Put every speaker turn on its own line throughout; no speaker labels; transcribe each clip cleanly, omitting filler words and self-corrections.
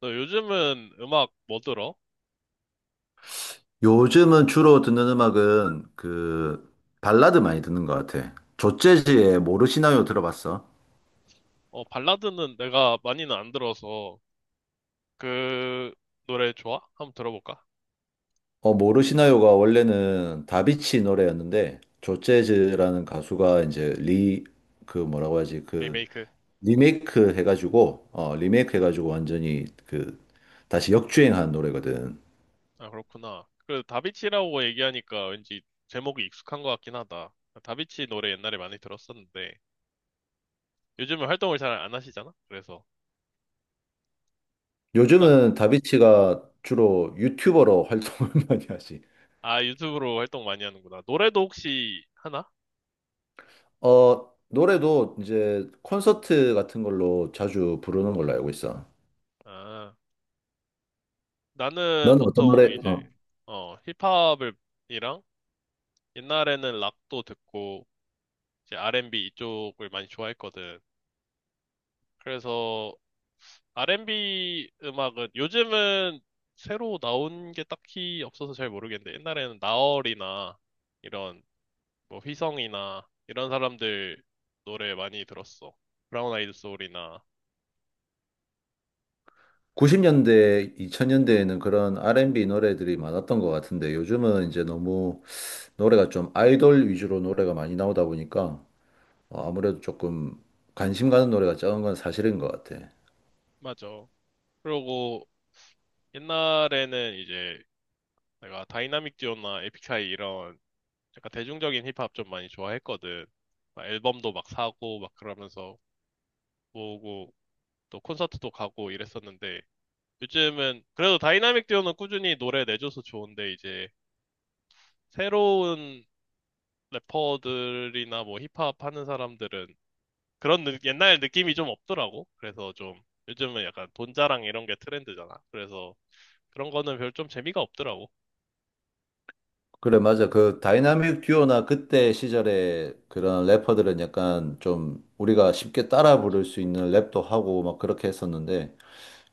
너 요즘은 음악 뭐 들어?
요즘은 주로 듣는 음악은 발라드 많이 듣는 것 같아. 조재즈의 모르시나요 들어봤어?
어, 발라드는 내가 많이는 안 들어서 그 노래 좋아? 한번 들어볼까?
어, 모르시나요가 원래는 다비치 노래였는데 조재즈라는 가수가 이제 리 그 뭐라고 하지?
리메이크.
리메이크 해가지고 리메이크 해가지고 완전히 다시 역주행한 노래거든.
아, 그렇구나. 그 다비치라고 얘기하니까 왠지 제목이 익숙한 것 같긴 하다. 다비치 노래 옛날에 많이 들었었는데 요즘은 활동을 잘 안 하시잖아? 그래서 나,
요즘은 다비치가 주로 유튜버로 활동을 많이 하지.
아, 유튜브로 활동 많이 하는구나. 노래도 혹시 하나?
어, 노래도 이제 콘서트 같은 걸로 자주 부르는 걸로 알고 있어.
아, 나는
너는 어떤
보통
노래?
이제
어,
힙합을 이랑 옛날에는 락도 듣고 이제 R&B 이쪽을 많이 좋아했거든. 그래서 R&B 음악은 요즘은 새로 나온 게 딱히 없어서 잘 모르겠는데 옛날에는 나얼이나 이런 뭐 휘성이나 이런 사람들 노래 많이 들었어. 브라운 아이드 소울이나
90년대, 2000년대에는 그런 R&B 노래들이 많았던 것 같은데 요즘은 이제 너무 노래가 좀 아이돌 위주로 노래가 많이 나오다 보니까 아무래도 조금 관심 가는 노래가 적은 건 사실인 것 같아.
맞아. 그리고 옛날에는 이제 내가 다이나믹 듀오나 에픽하이 이런 약간 대중적인 힙합 좀 많이 좋아했거든. 막 앨범도 막 사고 막 그러면서 모으고 또 콘서트도 가고 이랬었는데 요즘은 그래도 다이나믹 듀오는 꾸준히 노래 내줘서 좋은데 이제 새로운 래퍼들이나 뭐 힙합 하는 사람들은 옛날 느낌이 좀 없더라고. 그래서 좀 요즘은 약간 돈 자랑 이런 게 트렌드잖아. 그래서 그런 거는 별 좀 재미가 없더라고.
그래, 맞아. 그 다이나믹 듀오나 그때 시절에 그런 래퍼들은 약간 좀 우리가 쉽게 따라 부를 수 있는 랩도 하고 막 그렇게 했었는데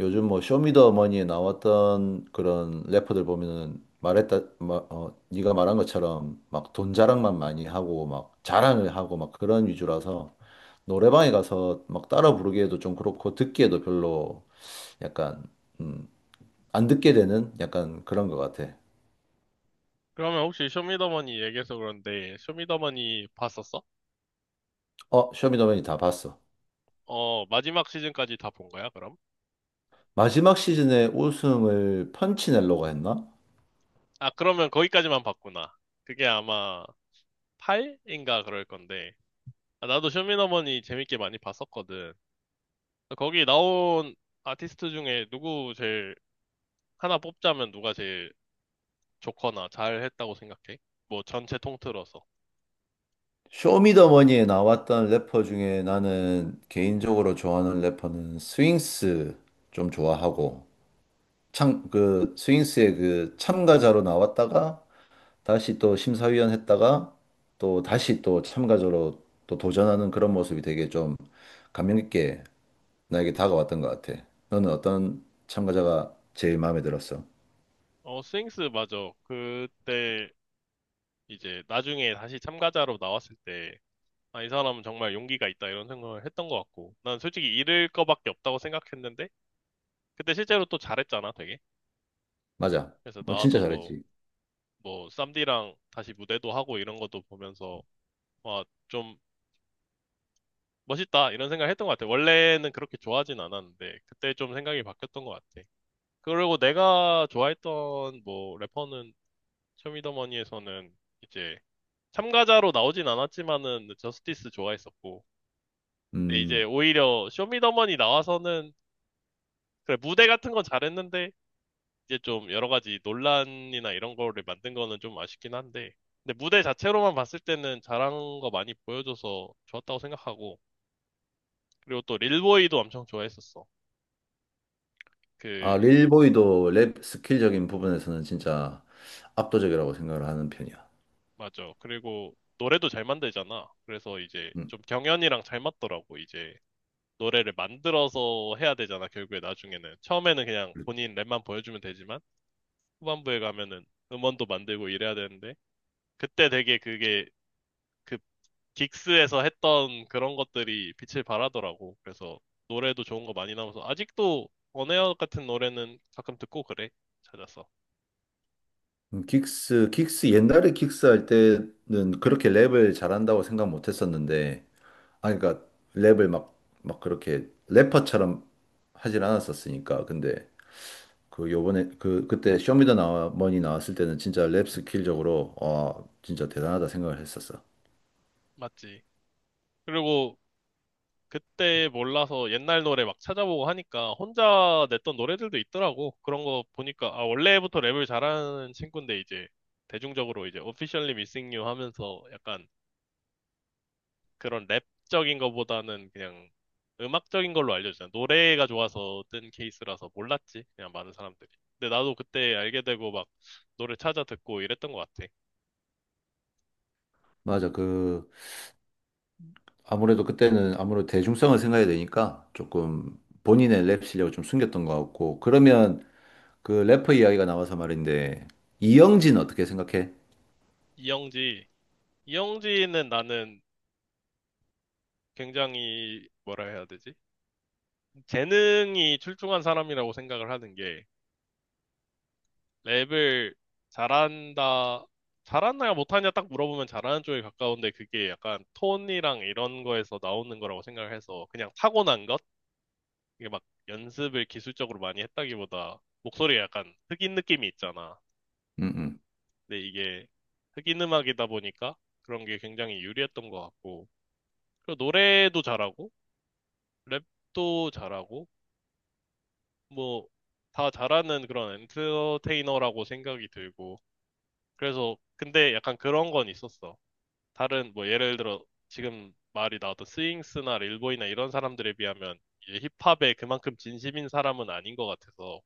요즘 뭐 쇼미더머니에 나왔던 그런 래퍼들 보면은 네가 말한 것처럼 막 돈 자랑만 많이 하고 막 자랑을 하고 막 그런 위주라서 노래방에 가서 막 따라 부르기에도 좀 그렇고 듣기에도 별로 약간 음, 안 듣게 되는 약간 그런 것 같아.
그러면 혹시 쇼미더머니 얘기해서 그런데 쇼미더머니 봤었어?
어, 쇼미더머니 다 봤어.
어, 마지막 시즌까지 다 본 거야, 그럼?
마지막 시즌에 우승을 펀치넬로가 했나?
아, 그러면 거기까지만 봤구나. 그게 아마 8인가 그럴 건데 아, 나도 쇼미더머니 재밌게 많이 봤었거든. 거기 나온 아티스트 중에 누구 제일 하나 뽑자면 누가 제일 좋거나 잘했다고 생각해? 뭐 전체 통틀어서.
쇼미더머니에 나왔던 래퍼 중에 나는 개인적으로 좋아하는 래퍼는 스윙스 좀 좋아하고 참 그 스윙스의 그 참가자로 나왔다가 다시 또 심사위원 했다가 또 다시 또 참가자로 또 도전하는 그런 모습이 되게 좀 감명 깊게 나에게 다가왔던 것 같아. 너는 어떤 참가자가 제일 마음에 들었어?
어, 스윙스 맞아. 그때 이제 나중에 다시 참가자로 나왔을 때, 아, 이 사람은 정말 용기가 있다 이런 생각을 했던 것 같고, 난 솔직히 잃을 거밖에 없다고 생각했는데, 그때 실제로 또 잘했잖아, 되게.
맞아.
그래서
뭐 진짜
나와서 뭐,
잘했지.
쌈디랑 다시 무대도 하고 이런 것도 보면서, 와, 좀 멋있다 이런 생각을 했던 것 같아. 원래는 그렇게 좋아하진 않았는데 그때 좀 생각이 바뀌었던 것 같아. 그리고 내가 좋아했던 뭐 래퍼는 쇼미더머니에서는 이제 참가자로 나오진 않았지만은 저스티스 좋아했었고 근데 이제
음.
오히려 쇼미더머니 나와서는 그래 무대 같은 건 잘했는데 이제 좀 여러 가지 논란이나 이런 거를 만든 거는 좀 아쉽긴 한데 근데 무대 자체로만 봤을 때는 잘한 거 많이 보여줘서 좋았다고 생각하고 그리고 또 릴보이도 엄청 좋아했었어. 그
아, 릴보이도 랩 스킬적인 부분에서는 진짜 압도적이라고 생각을 하는 편이야.
맞아. 그리고 노래도 잘 만들잖아. 그래서 이제
음.
좀 경연이랑 잘 맞더라고. 이제 노래를 만들어서 해야 되잖아. 결국에 나중에는. 처음에는 그냥 본인 랩만 보여주면 되지만 후반부에 가면은 음원도 만들고 이래야 되는데 그때 되게 그게 그 긱스에서 했던 그런 것들이 빛을 발하더라고. 그래서 노래도 좋은 거 많이 나와서 아직도 원에어 같은 노래는 가끔 듣고 그래. 찾아서.
긱스 옛날에 긱스 할 때는 그렇게 랩을 잘한다고 생각 못 했었는데, 아, 그러니까 랩을 막 그렇게 래퍼처럼 하진 않았었으니까. 근데 그 요번에, 그때 쇼미더 나 머니 나왔을 때는 진짜 랩 스킬적으로, 와, 진짜 대단하다 생각을 했었어.
맞지. 그리고 그때 몰라서 옛날 노래 막 찾아보고 하니까 혼자 냈던 노래들도 있더라고. 그런 거 보니까, 아, 원래부터 랩을 잘하는 친구인데 이제 대중적으로 이제 Officially Missing You 하면서 약간 그런 랩적인 거보다는 그냥 음악적인 걸로 알려주잖아. 노래가 좋아서 뜬 케이스라서 몰랐지. 그냥 많은 사람들이. 근데 나도 그때 알게 되고 막 노래 찾아 듣고 이랬던 것 같아.
맞아. 아무래도 그때는 아무래도 대중성을 생각해야 되니까 조금 본인의 랩 실력을 좀 숨겼던 것 같고 그러면 그 래퍼 이야기가 나와서 말인데 이영진 어떻게 생각해?
이영지. 이영지는 나는 굉장히 뭐라 해야 되지? 재능이 출중한 사람이라고 생각을 하는 게 랩을 잘한다, 잘하냐 못하냐 딱 물어보면 잘하는 쪽에 가까운데 그게 약간 톤이랑 이런 거에서 나오는 거라고 생각을 해서 그냥 타고난 것? 이게 막 연습을 기술적으로 많이 했다기보다 목소리가 약간 흑인 느낌이 있잖아.
음, 음.
근데 이게 흑인 음악이다 보니까 그런 게 굉장히 유리했던 것 같고 그리고 노래도 잘하고 랩도 잘하고 뭐 다 잘하는 그런 엔터테이너라고 생각이 들고, 그래서 근데 약간 그런 건 있었어. 다른 뭐 예를 들어 지금 말이 나왔던 스윙스나 릴보이나 이런 사람들에 비하면 이제 힙합에 그만큼 진심인 사람은 아닌 것 같아서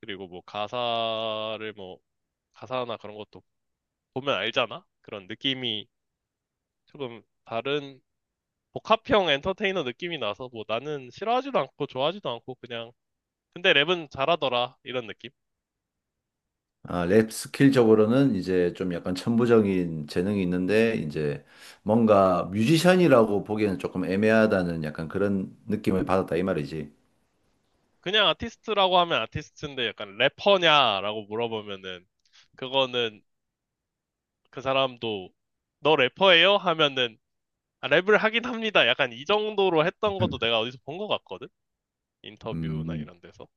그리고 뭐 가사를 뭐 가사나 그런 것도 보면 알잖아? 그런 느낌이 조금 다른 복합형 엔터테이너 느낌이 나서 뭐 나는 싫어하지도 않고 좋아하지도 않고 그냥 근데 랩은 잘하더라 이런 느낌?
아, 랩 스킬적으로는 이제 좀 약간 천부적인 재능이 있는데 이제 뭔가 뮤지션이라고 보기에는 조금 애매하다는 약간 그런 느낌을 받았다 이 말이지.
그냥 아티스트라고 하면 아티스트인데 약간 래퍼냐라고 물어보면은 그거는 그 사람도 너 래퍼예요? 하면은 아, 랩을 하긴 합니다. 약간 이 정도로 했던 것도 내가 어디서 본 것 같거든? 인터뷰나
음,
이런 데서.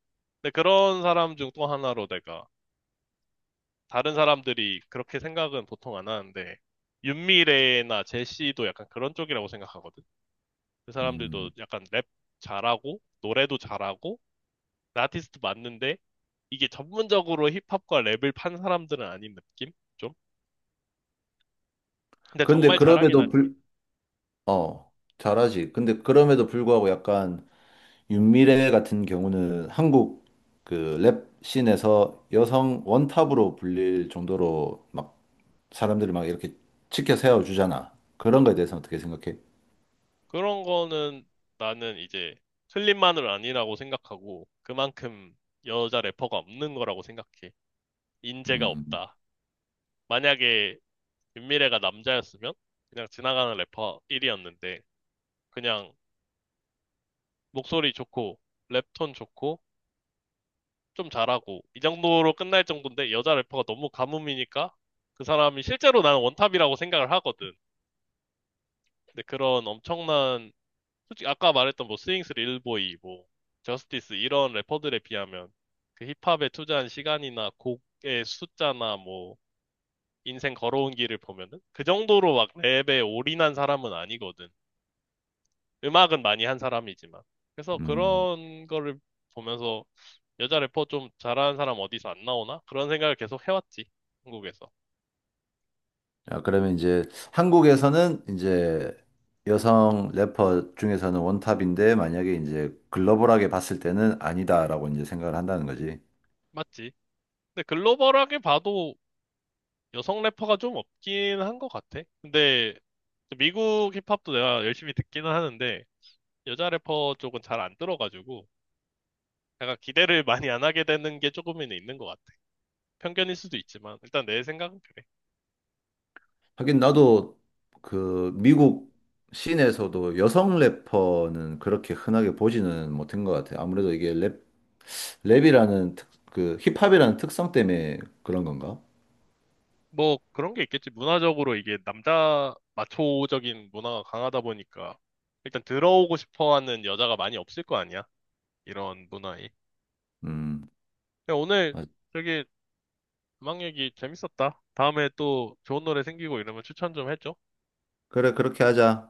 근데 그런 사람 중 또 하나로 내가 다른 사람들이 그렇게 생각은 보통 안 하는데 윤미래나 제시도 약간 그런 쪽이라고 생각하거든. 그 사람들도
음.
약간 랩 잘하고 노래도 잘하고 그 아티스트 맞는데 이게 전문적으로 힙합과 랩을 판 사람들은 아닌 느낌? 좀? 근데
그런데
정말 잘하긴
그럼에도
하지.
어, 잘하지. 근데 그럼에도 불구하고 약간 윤미래 같은 경우는 한국 그 랩 씬에서 여성 원탑으로 불릴 정도로 막 사람들을 막 이렇게 치켜 세워주잖아. 그런 거에 대해서 어떻게 생각해?
그런 거는 나는 이제 클립만을 아니라고 생각하고 그만큼 여자 래퍼가 없는 거라고 생각해. 인재가
음,
없다. 만약에 윤미래가 남자였으면 그냥 지나가는 래퍼 1이었는데 그냥 목소리 좋고 랩톤 좋고 좀 잘하고 이 정도로 끝날 정도인데 여자 래퍼가 너무 가뭄이니까 그 사람이 실제로 나는 원탑이라고 생각을 하거든. 근데 그런 엄청난 솔직히 아까 말했던 뭐 스윙스 릴보이, 뭐 저스티스 이런 래퍼들에 비하면 그 힙합에 투자한 시간이나 곡의 숫자나 뭐 인생 걸어온 길을 보면은 그 정도로 막 랩에 올인한 사람은 아니거든. 음악은 많이 한 사람이지만. 그래서
음.
그런 거를 보면서 여자 래퍼 좀 잘하는 사람 어디서 안 나오나? 그런 생각을 계속 해왔지. 한국에서.
아, 그러면 이제 한국에서는 이제 여성 래퍼 중에서는 원탑인데 만약에 이제 글로벌하게 봤을 때는 아니다라고 이제 생각을 한다는 거지.
맞지? 근데 글로벌하게 봐도 여성 래퍼가 좀 없긴 한 것 같아. 근데 미국 힙합도 내가 열심히 듣기는 하는데 여자 래퍼 쪽은 잘 안 들어가지고 약간 기대를 많이 안 하게 되는 게 조금은 있는 것 같아. 편견일 수도 있지만 일단 내 생각은 그래.
하긴 나도 그 미국 씬에서도 여성 래퍼는 그렇게 흔하게 보지는 못한 것 같아. 아무래도 이게 랩, 그 힙합이라는 특성 때문에 그런 건가?
뭐 그런 게 있겠지. 문화적으로 이게 남자 마초적인 문화가 강하다 보니까 일단 들어오고 싶어 하는 여자가 많이 없을 거 아니야. 이런 문화에.
음,
야, 오늘
맞-
저기 음악 얘기 재밌었다. 다음에 또 좋은 노래 생기고 이러면 추천 좀 해줘.
그래, 그렇게 하자.